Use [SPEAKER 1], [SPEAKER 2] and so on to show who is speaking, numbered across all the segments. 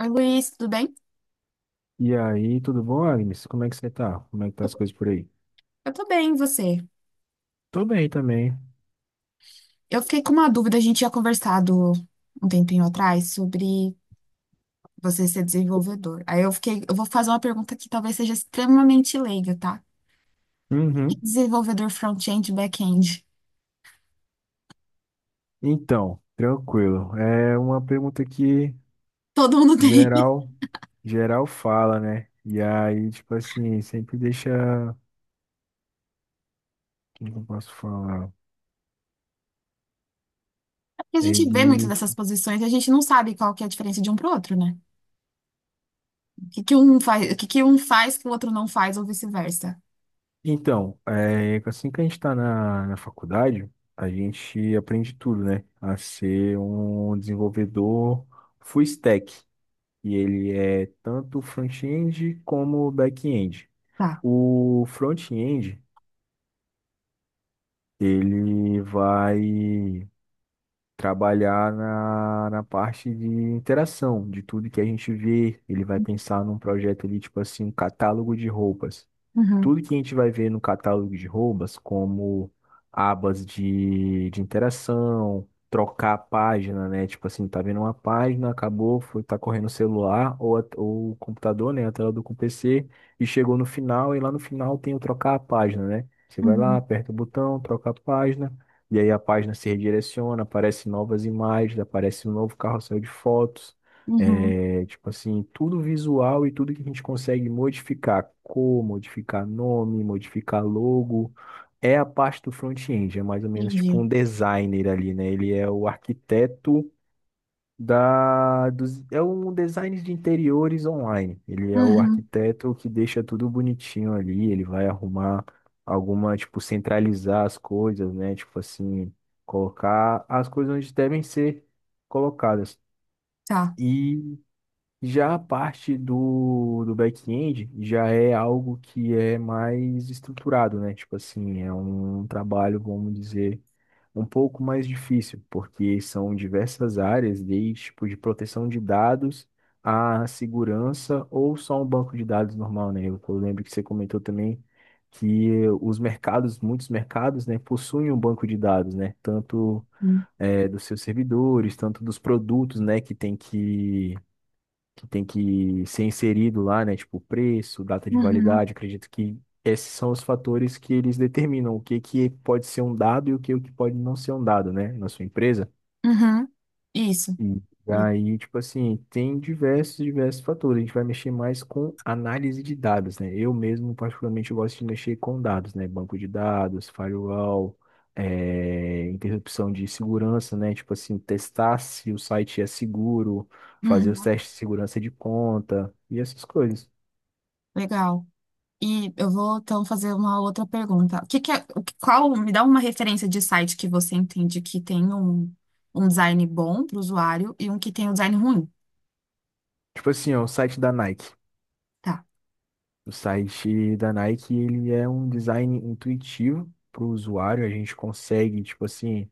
[SPEAKER 1] Oi, Luiz, tudo bem?
[SPEAKER 2] E aí, tudo bom, Agnes? Como é que você tá? Como é que tá as coisas por aí?
[SPEAKER 1] Eu tô bem, e você?
[SPEAKER 2] Tô bem também.
[SPEAKER 1] Eu fiquei com uma dúvida, a gente tinha conversado um tempinho atrás sobre você ser desenvolvedor. Aí eu fiquei, eu vou fazer uma pergunta que talvez seja extremamente leiga, tá? O que é
[SPEAKER 2] Uhum.
[SPEAKER 1] desenvolvedor front-end e back-end?
[SPEAKER 2] Então, tranquilo. É uma pergunta que
[SPEAKER 1] Todo mundo tem.
[SPEAKER 2] geral, geral fala, né? E aí, tipo assim, sempre deixa. Como que eu posso falar?
[SPEAKER 1] Porque a gente vê muito
[SPEAKER 2] Ele.
[SPEAKER 1] dessas posições e a gente não sabe qual que é a diferença de um pro outro, né? O que que um faz, o que que um faz que o outro não faz ou vice-versa.
[SPEAKER 2] Então, é, assim que a gente tá na faculdade, a gente aprende tudo, né? A ser um desenvolvedor full stack. E ele é tanto front-end como back-end.
[SPEAKER 1] Tá.
[SPEAKER 2] O front-end, ele vai trabalhar na parte de interação, de tudo que a gente vê. Ele vai pensar num projeto ali, tipo assim, um catálogo de roupas.
[SPEAKER 1] Uhum,
[SPEAKER 2] Tudo que a gente vai ver no catálogo de roubas, como abas de interação, trocar a página, né? Tipo assim, tá vendo uma página, acabou, foi, tá correndo o celular ou, ou o computador, né? A tela do PC, e chegou no final, e lá no final tem o trocar a página, né? Você vai lá,
[SPEAKER 1] uhum,
[SPEAKER 2] aperta o botão, troca a página, e aí a página se redireciona, aparecem novas imagens, aparece um novo carrossel de fotos.
[SPEAKER 1] uhum.
[SPEAKER 2] É, tipo assim, tudo visual e tudo que a gente consegue modificar, cor, modificar nome, modificar logo, é a parte do front-end, é mais ou menos tipo
[SPEAKER 1] Entendi.
[SPEAKER 2] um designer ali, né? Ele é o arquiteto é um design de interiores online. Ele é o
[SPEAKER 1] Uhum,
[SPEAKER 2] arquiteto que deixa tudo bonitinho ali, ele vai arrumar alguma, tipo, centralizar as coisas, né? Tipo assim, colocar as coisas onde devem ser colocadas.
[SPEAKER 1] tá.
[SPEAKER 2] E já a parte do back-end já é algo que é mais estruturado, né? Tipo assim, é um trabalho, vamos dizer, um pouco mais difícil, porque são diversas áreas, desde tipo de proteção de dados à segurança ou só um banco de dados normal, né? Eu lembro que você comentou também que os mercados, muitos mercados, né, possuem um banco de dados, né? Tanto
[SPEAKER 1] Uhum,
[SPEAKER 2] dos seus servidores, tanto dos produtos, né, que tem que ser inserido lá, né? Tipo, preço, data de
[SPEAKER 1] uhum.
[SPEAKER 2] validade. Acredito que esses são os fatores que eles determinam o que que pode ser um dado e o que pode não ser um dado, né? Na sua empresa.
[SPEAKER 1] Uhum. Isso.
[SPEAKER 2] E aí, tipo assim, tem diversos fatores. A gente vai mexer mais com análise de dados, né? Eu mesmo, particularmente, eu gosto de mexer com dados, né? Banco de dados, firewall, interrupção de segurança, né? Tipo assim, testar se o site é seguro, fazer os
[SPEAKER 1] Uhum.
[SPEAKER 2] testes de segurança de conta e essas coisas.
[SPEAKER 1] Legal. E eu vou então fazer uma outra pergunta. O que que é, qual, me dá uma referência de site que você entende que tem um, um design bom para o usuário e um que tem um design ruim?
[SPEAKER 2] Tipo assim, ó, o site da Nike.
[SPEAKER 1] Tá.
[SPEAKER 2] O site da Nike, ele é um design intuitivo para o usuário. A gente consegue, tipo assim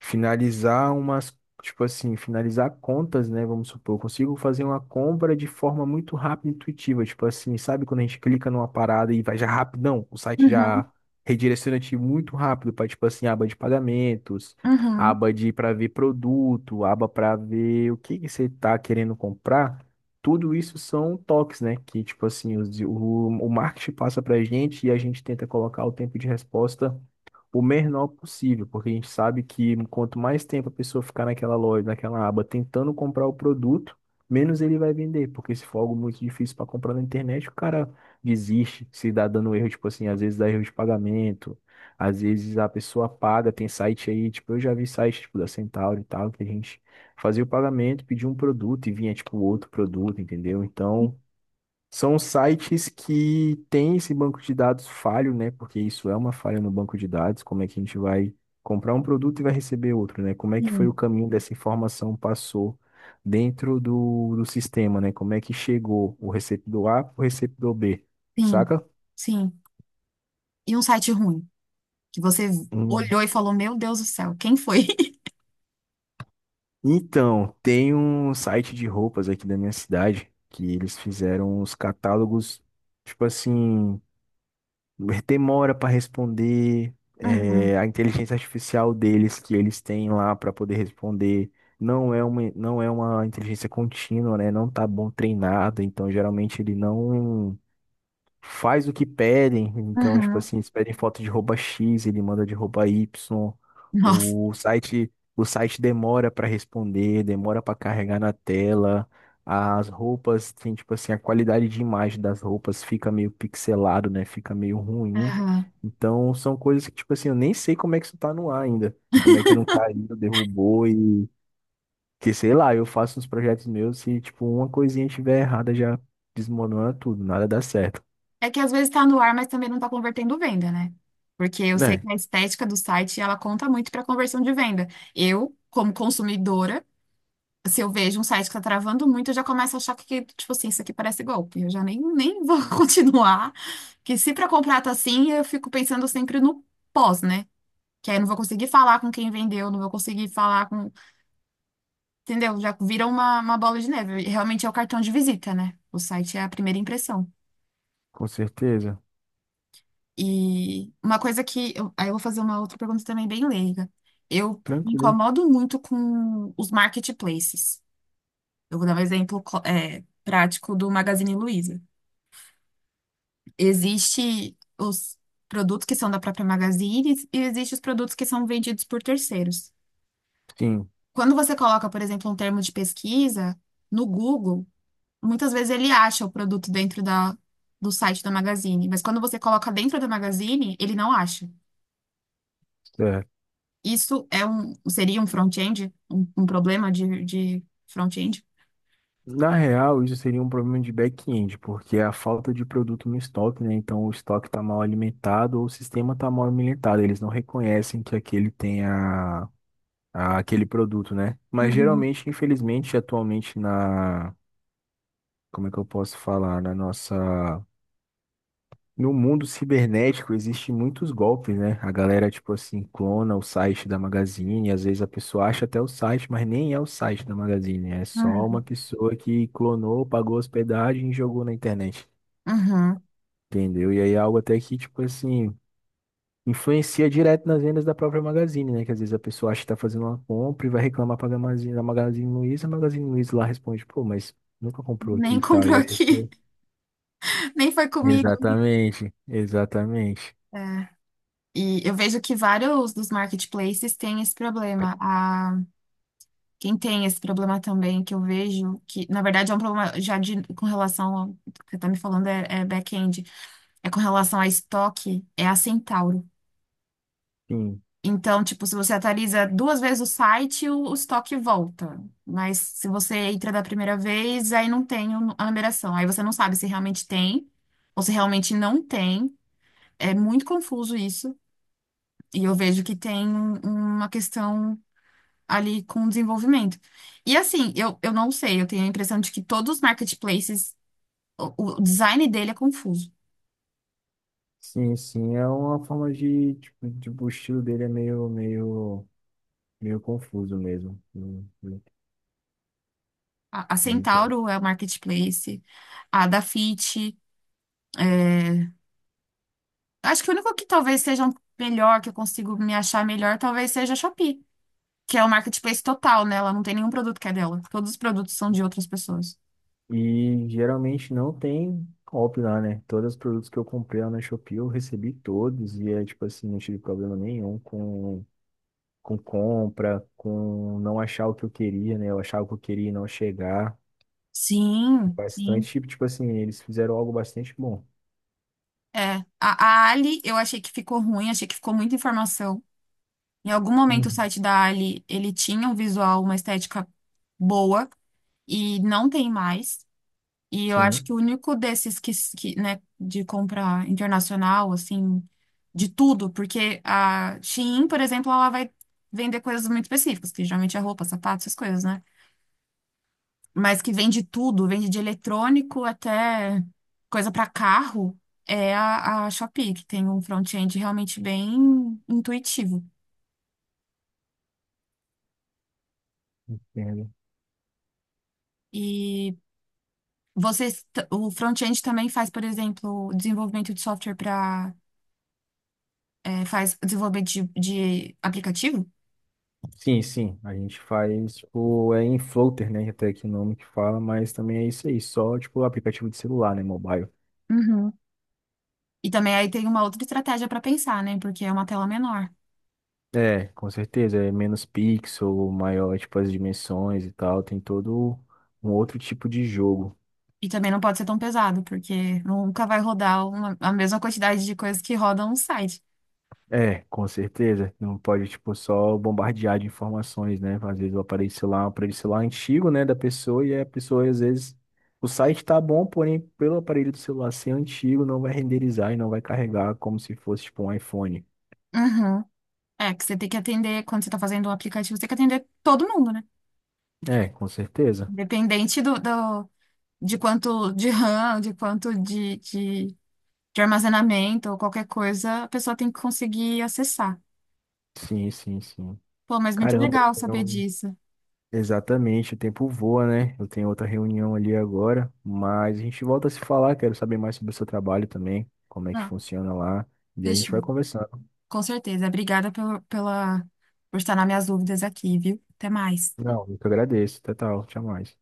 [SPEAKER 2] finalizar umas, tipo assim, finalizar contas, né? Vamos supor, eu consigo fazer uma compra de forma muito rápida e intuitiva, tipo assim, sabe quando a gente clica numa parada e vai já rapidão, o site já
[SPEAKER 1] Uhum.
[SPEAKER 2] redireciona a gente muito rápido para tipo assim, aba de pagamentos,
[SPEAKER 1] Uhum.
[SPEAKER 2] aba de para ver produto, aba para ver o que que você está querendo comprar. Tudo isso são toques, né? Que, tipo assim, o marketing passa pra gente e a gente tenta colocar o tempo de resposta o menor possível, porque a gente sabe que quanto mais tempo a pessoa ficar naquela loja, naquela aba, tentando comprar o produto, menos ele vai vender, porque se for algo muito difícil para comprar na internet, o cara desiste, se dá dando erro, tipo assim, às vezes dá erro de pagamento, às vezes a pessoa paga, tem site aí, tipo, eu já vi site, tipo, da Centauro e tal, que a gente fazia o pagamento, pedia um produto e vinha, tipo, outro produto, entendeu? Então, são sites que têm esse banco de dados falho, né? Porque isso é uma falha no banco de dados. Como é que a gente vai comprar um produto e vai receber outro, né? Como é que foi o
[SPEAKER 1] Sim,
[SPEAKER 2] caminho dessa informação passou dentro do sistema, né? Como é que chegou o receptor A para o receptor B,
[SPEAKER 1] sim,
[SPEAKER 2] saca?
[SPEAKER 1] sim. E um site ruim, que você
[SPEAKER 2] Hum.
[SPEAKER 1] olhou e falou, meu Deus do céu, quem foi?
[SPEAKER 2] Então, tem um site de roupas aqui da minha cidade que eles fizeram os catálogos, tipo assim, demora para responder, é,
[SPEAKER 1] Uhum.
[SPEAKER 2] a inteligência artificial deles que eles têm lá para poder responder não é não é uma inteligência contínua, né? Não tá bom treinado, então geralmente ele não faz o que pedem. Então, tipo
[SPEAKER 1] Uhum.
[SPEAKER 2] assim, eles pedem foto de roupa X, ele manda de roupa Y.
[SPEAKER 1] Nossa.
[SPEAKER 2] O site demora para responder, demora para carregar na tela. As roupas, tem tipo assim, a qualidade de imagem das roupas fica meio pixelado, né? Fica meio ruim. Então, são coisas que, tipo assim, eu nem sei como é que isso tá no ar ainda. Como é que não caiu, derrubou e que sei lá, eu faço uns projetos meus e tipo uma coisinha estiver errada já desmorona tudo, nada dá certo.
[SPEAKER 1] É que às vezes está no ar, mas também não está convertendo venda, né? Porque eu sei
[SPEAKER 2] Né.
[SPEAKER 1] que a estética do site, ela conta muito para conversão de venda. Eu, como consumidora, se eu vejo um site que está travando muito, eu já começo a achar que, tipo assim, isso aqui parece golpe. Eu já nem vou continuar. Que se para comprar tá assim, eu fico pensando sempre no pós, né? Que aí eu não vou conseguir falar com quem vendeu, não vou conseguir falar com. Entendeu? Já vira uma bola de neve. Realmente é o cartão de visita, né? O site é a primeira impressão.
[SPEAKER 2] Com certeza.
[SPEAKER 1] E uma coisa que eu, aí eu vou fazer uma outra pergunta também bem leiga. Eu me
[SPEAKER 2] Tranquilo.
[SPEAKER 1] incomodo muito com os marketplaces. Eu vou dar um exemplo, prático do Magazine Luiza. Existe os produtos que são da própria Magazine e existe os produtos que são vendidos por terceiros.
[SPEAKER 2] Sim,
[SPEAKER 1] Quando você coloca, por exemplo, um termo de pesquisa no Google, muitas vezes ele acha o produto dentro do site da Magazine, mas quando você coloca dentro da Magazine, ele não acha.
[SPEAKER 2] certo.
[SPEAKER 1] Isso é um, seria um front-end? Um problema de front-end?
[SPEAKER 2] Na real, isso seria um problema de back-end, porque é a falta de produto no estoque, né? Então, o estoque está mal alimentado ou o sistema está mal alimentado. Eles não reconhecem que aquele tem aquele produto, né? Mas
[SPEAKER 1] Uhum,
[SPEAKER 2] geralmente, infelizmente, atualmente na, como é que eu posso falar, na nossa. No mundo cibernético existem muitos golpes, né? A galera, tipo assim, clona o site da Magazine, às vezes a pessoa acha até o site, mas nem é o site da Magazine, é só uma
[SPEAKER 1] uhum.
[SPEAKER 2] pessoa que clonou, pagou hospedagem e jogou na internet,
[SPEAKER 1] Uhum.
[SPEAKER 2] entendeu? E aí é algo até que, tipo assim, influencia direto nas vendas da própria Magazine, né? Que às vezes a pessoa acha que tá fazendo uma compra e vai reclamar pra Magazine, a Magazine Luiza lá responde, pô, mas nunca comprou aqui
[SPEAKER 1] Nem
[SPEAKER 2] e tal,
[SPEAKER 1] comprou.
[SPEAKER 2] e
[SPEAKER 1] É,
[SPEAKER 2] a
[SPEAKER 1] aqui,
[SPEAKER 2] pessoa...
[SPEAKER 1] nem foi comigo.
[SPEAKER 2] Exatamente, exatamente.
[SPEAKER 1] É. E eu vejo que vários dos marketplaces têm esse problema. A, quem tem esse problema também, que eu vejo, que na verdade é um problema já de, com relação ao o que você está me falando, é back-end, é com relação a estoque, é a Centauro.
[SPEAKER 2] Sim.
[SPEAKER 1] Então, tipo, se você atualiza duas vezes o site, o estoque volta. Mas se você entra da primeira vez, aí não tem a numeração. Aí você não sabe se realmente tem ou se realmente não tem. É muito confuso isso. E eu vejo que tem uma questão ali com o desenvolvimento. E assim, eu não sei, eu tenho a impressão de que todos os marketplaces, o design dele é confuso.
[SPEAKER 2] Sim, sim, é uma forma de, tipo, tipo, o estilo dele é meio confuso mesmo,
[SPEAKER 1] A
[SPEAKER 2] não entendo.
[SPEAKER 1] Centauro é o marketplace, a da Fit. Acho que o único que talvez seja um melhor, que eu consigo me achar melhor, talvez seja a Shopee, que é o marketplace total, né? Ela não tem nenhum produto que é dela. Todos os produtos são de outras pessoas.
[SPEAKER 2] E geralmente não tem golpe lá, né? Todos os produtos que eu comprei lá na Shopee eu recebi todos e é tipo assim, não tive problema nenhum com compra, com não achar o que eu queria, né? Eu achava o que eu queria e não chegar.
[SPEAKER 1] Sim,
[SPEAKER 2] Bastante,
[SPEAKER 1] sim.
[SPEAKER 2] tipo, tipo assim, eles fizeram algo bastante bom.
[SPEAKER 1] É. A Ali, eu achei que ficou ruim, achei que ficou muita informação. Em algum momento o
[SPEAKER 2] Uhum.
[SPEAKER 1] site da Ali, ele tinha um visual, uma estética boa, e não tem mais. E eu acho que
[SPEAKER 2] Sim,
[SPEAKER 1] o único desses que, né, de compra internacional, assim, de tudo, porque a Shein, por exemplo, ela vai vender coisas muito específicas, que geralmente é roupa, sapato, essas coisas, né? Mas que vende tudo, vende de eletrônico até coisa para carro, é a Shopee, que tem um front-end realmente bem intuitivo.
[SPEAKER 2] é.
[SPEAKER 1] E vocês, o front-end também faz, por exemplo, desenvolvimento de software para, faz desenvolvimento de aplicativo?
[SPEAKER 2] Sim, sim, a gente faz, tipo, é em floater, né, até que o nome que fala, mas também é isso aí, só, tipo, aplicativo de celular, né, mobile.
[SPEAKER 1] Uhum. E também aí tem uma outra estratégia para pensar, né? Porque é uma tela menor.
[SPEAKER 2] É, com certeza, é menos pixel, maior, tipo, as dimensões e tal, tem todo um outro tipo de jogo.
[SPEAKER 1] E também não pode ser tão pesado, porque nunca vai rodar a mesma quantidade de coisas que rodam um site.
[SPEAKER 2] É, com certeza, não pode, tipo, só bombardear de informações, né, às vezes o aparelho celular é antigo, né, da pessoa, e a pessoa, às vezes, o site tá bom, porém, pelo aparelho do celular ser antigo, não vai renderizar e não vai carregar como se fosse, tipo, um iPhone.
[SPEAKER 1] Uhum. É, que você tem que atender, quando você está fazendo um aplicativo, você tem que atender todo mundo, né?
[SPEAKER 2] É, com certeza.
[SPEAKER 1] Independente de quanto de RAM, de quanto de armazenamento ou qualquer coisa, a pessoa tem que conseguir acessar.
[SPEAKER 2] Sim.
[SPEAKER 1] Pô, mas muito
[SPEAKER 2] Caramba,
[SPEAKER 1] legal saber disso.
[SPEAKER 2] exatamente, o tempo voa, né? Eu tenho outra reunião ali agora, mas a gente volta a se falar, quero saber mais sobre o seu trabalho também, como é que
[SPEAKER 1] Não,
[SPEAKER 2] funciona lá, e a gente vai
[SPEAKER 1] fechou.
[SPEAKER 2] conversando.
[SPEAKER 1] Com certeza. Obrigada pelo, pela, por estar nas minhas dúvidas aqui, viu? Até mais.
[SPEAKER 2] Não, eu que agradeço. Até tal, tchau mais.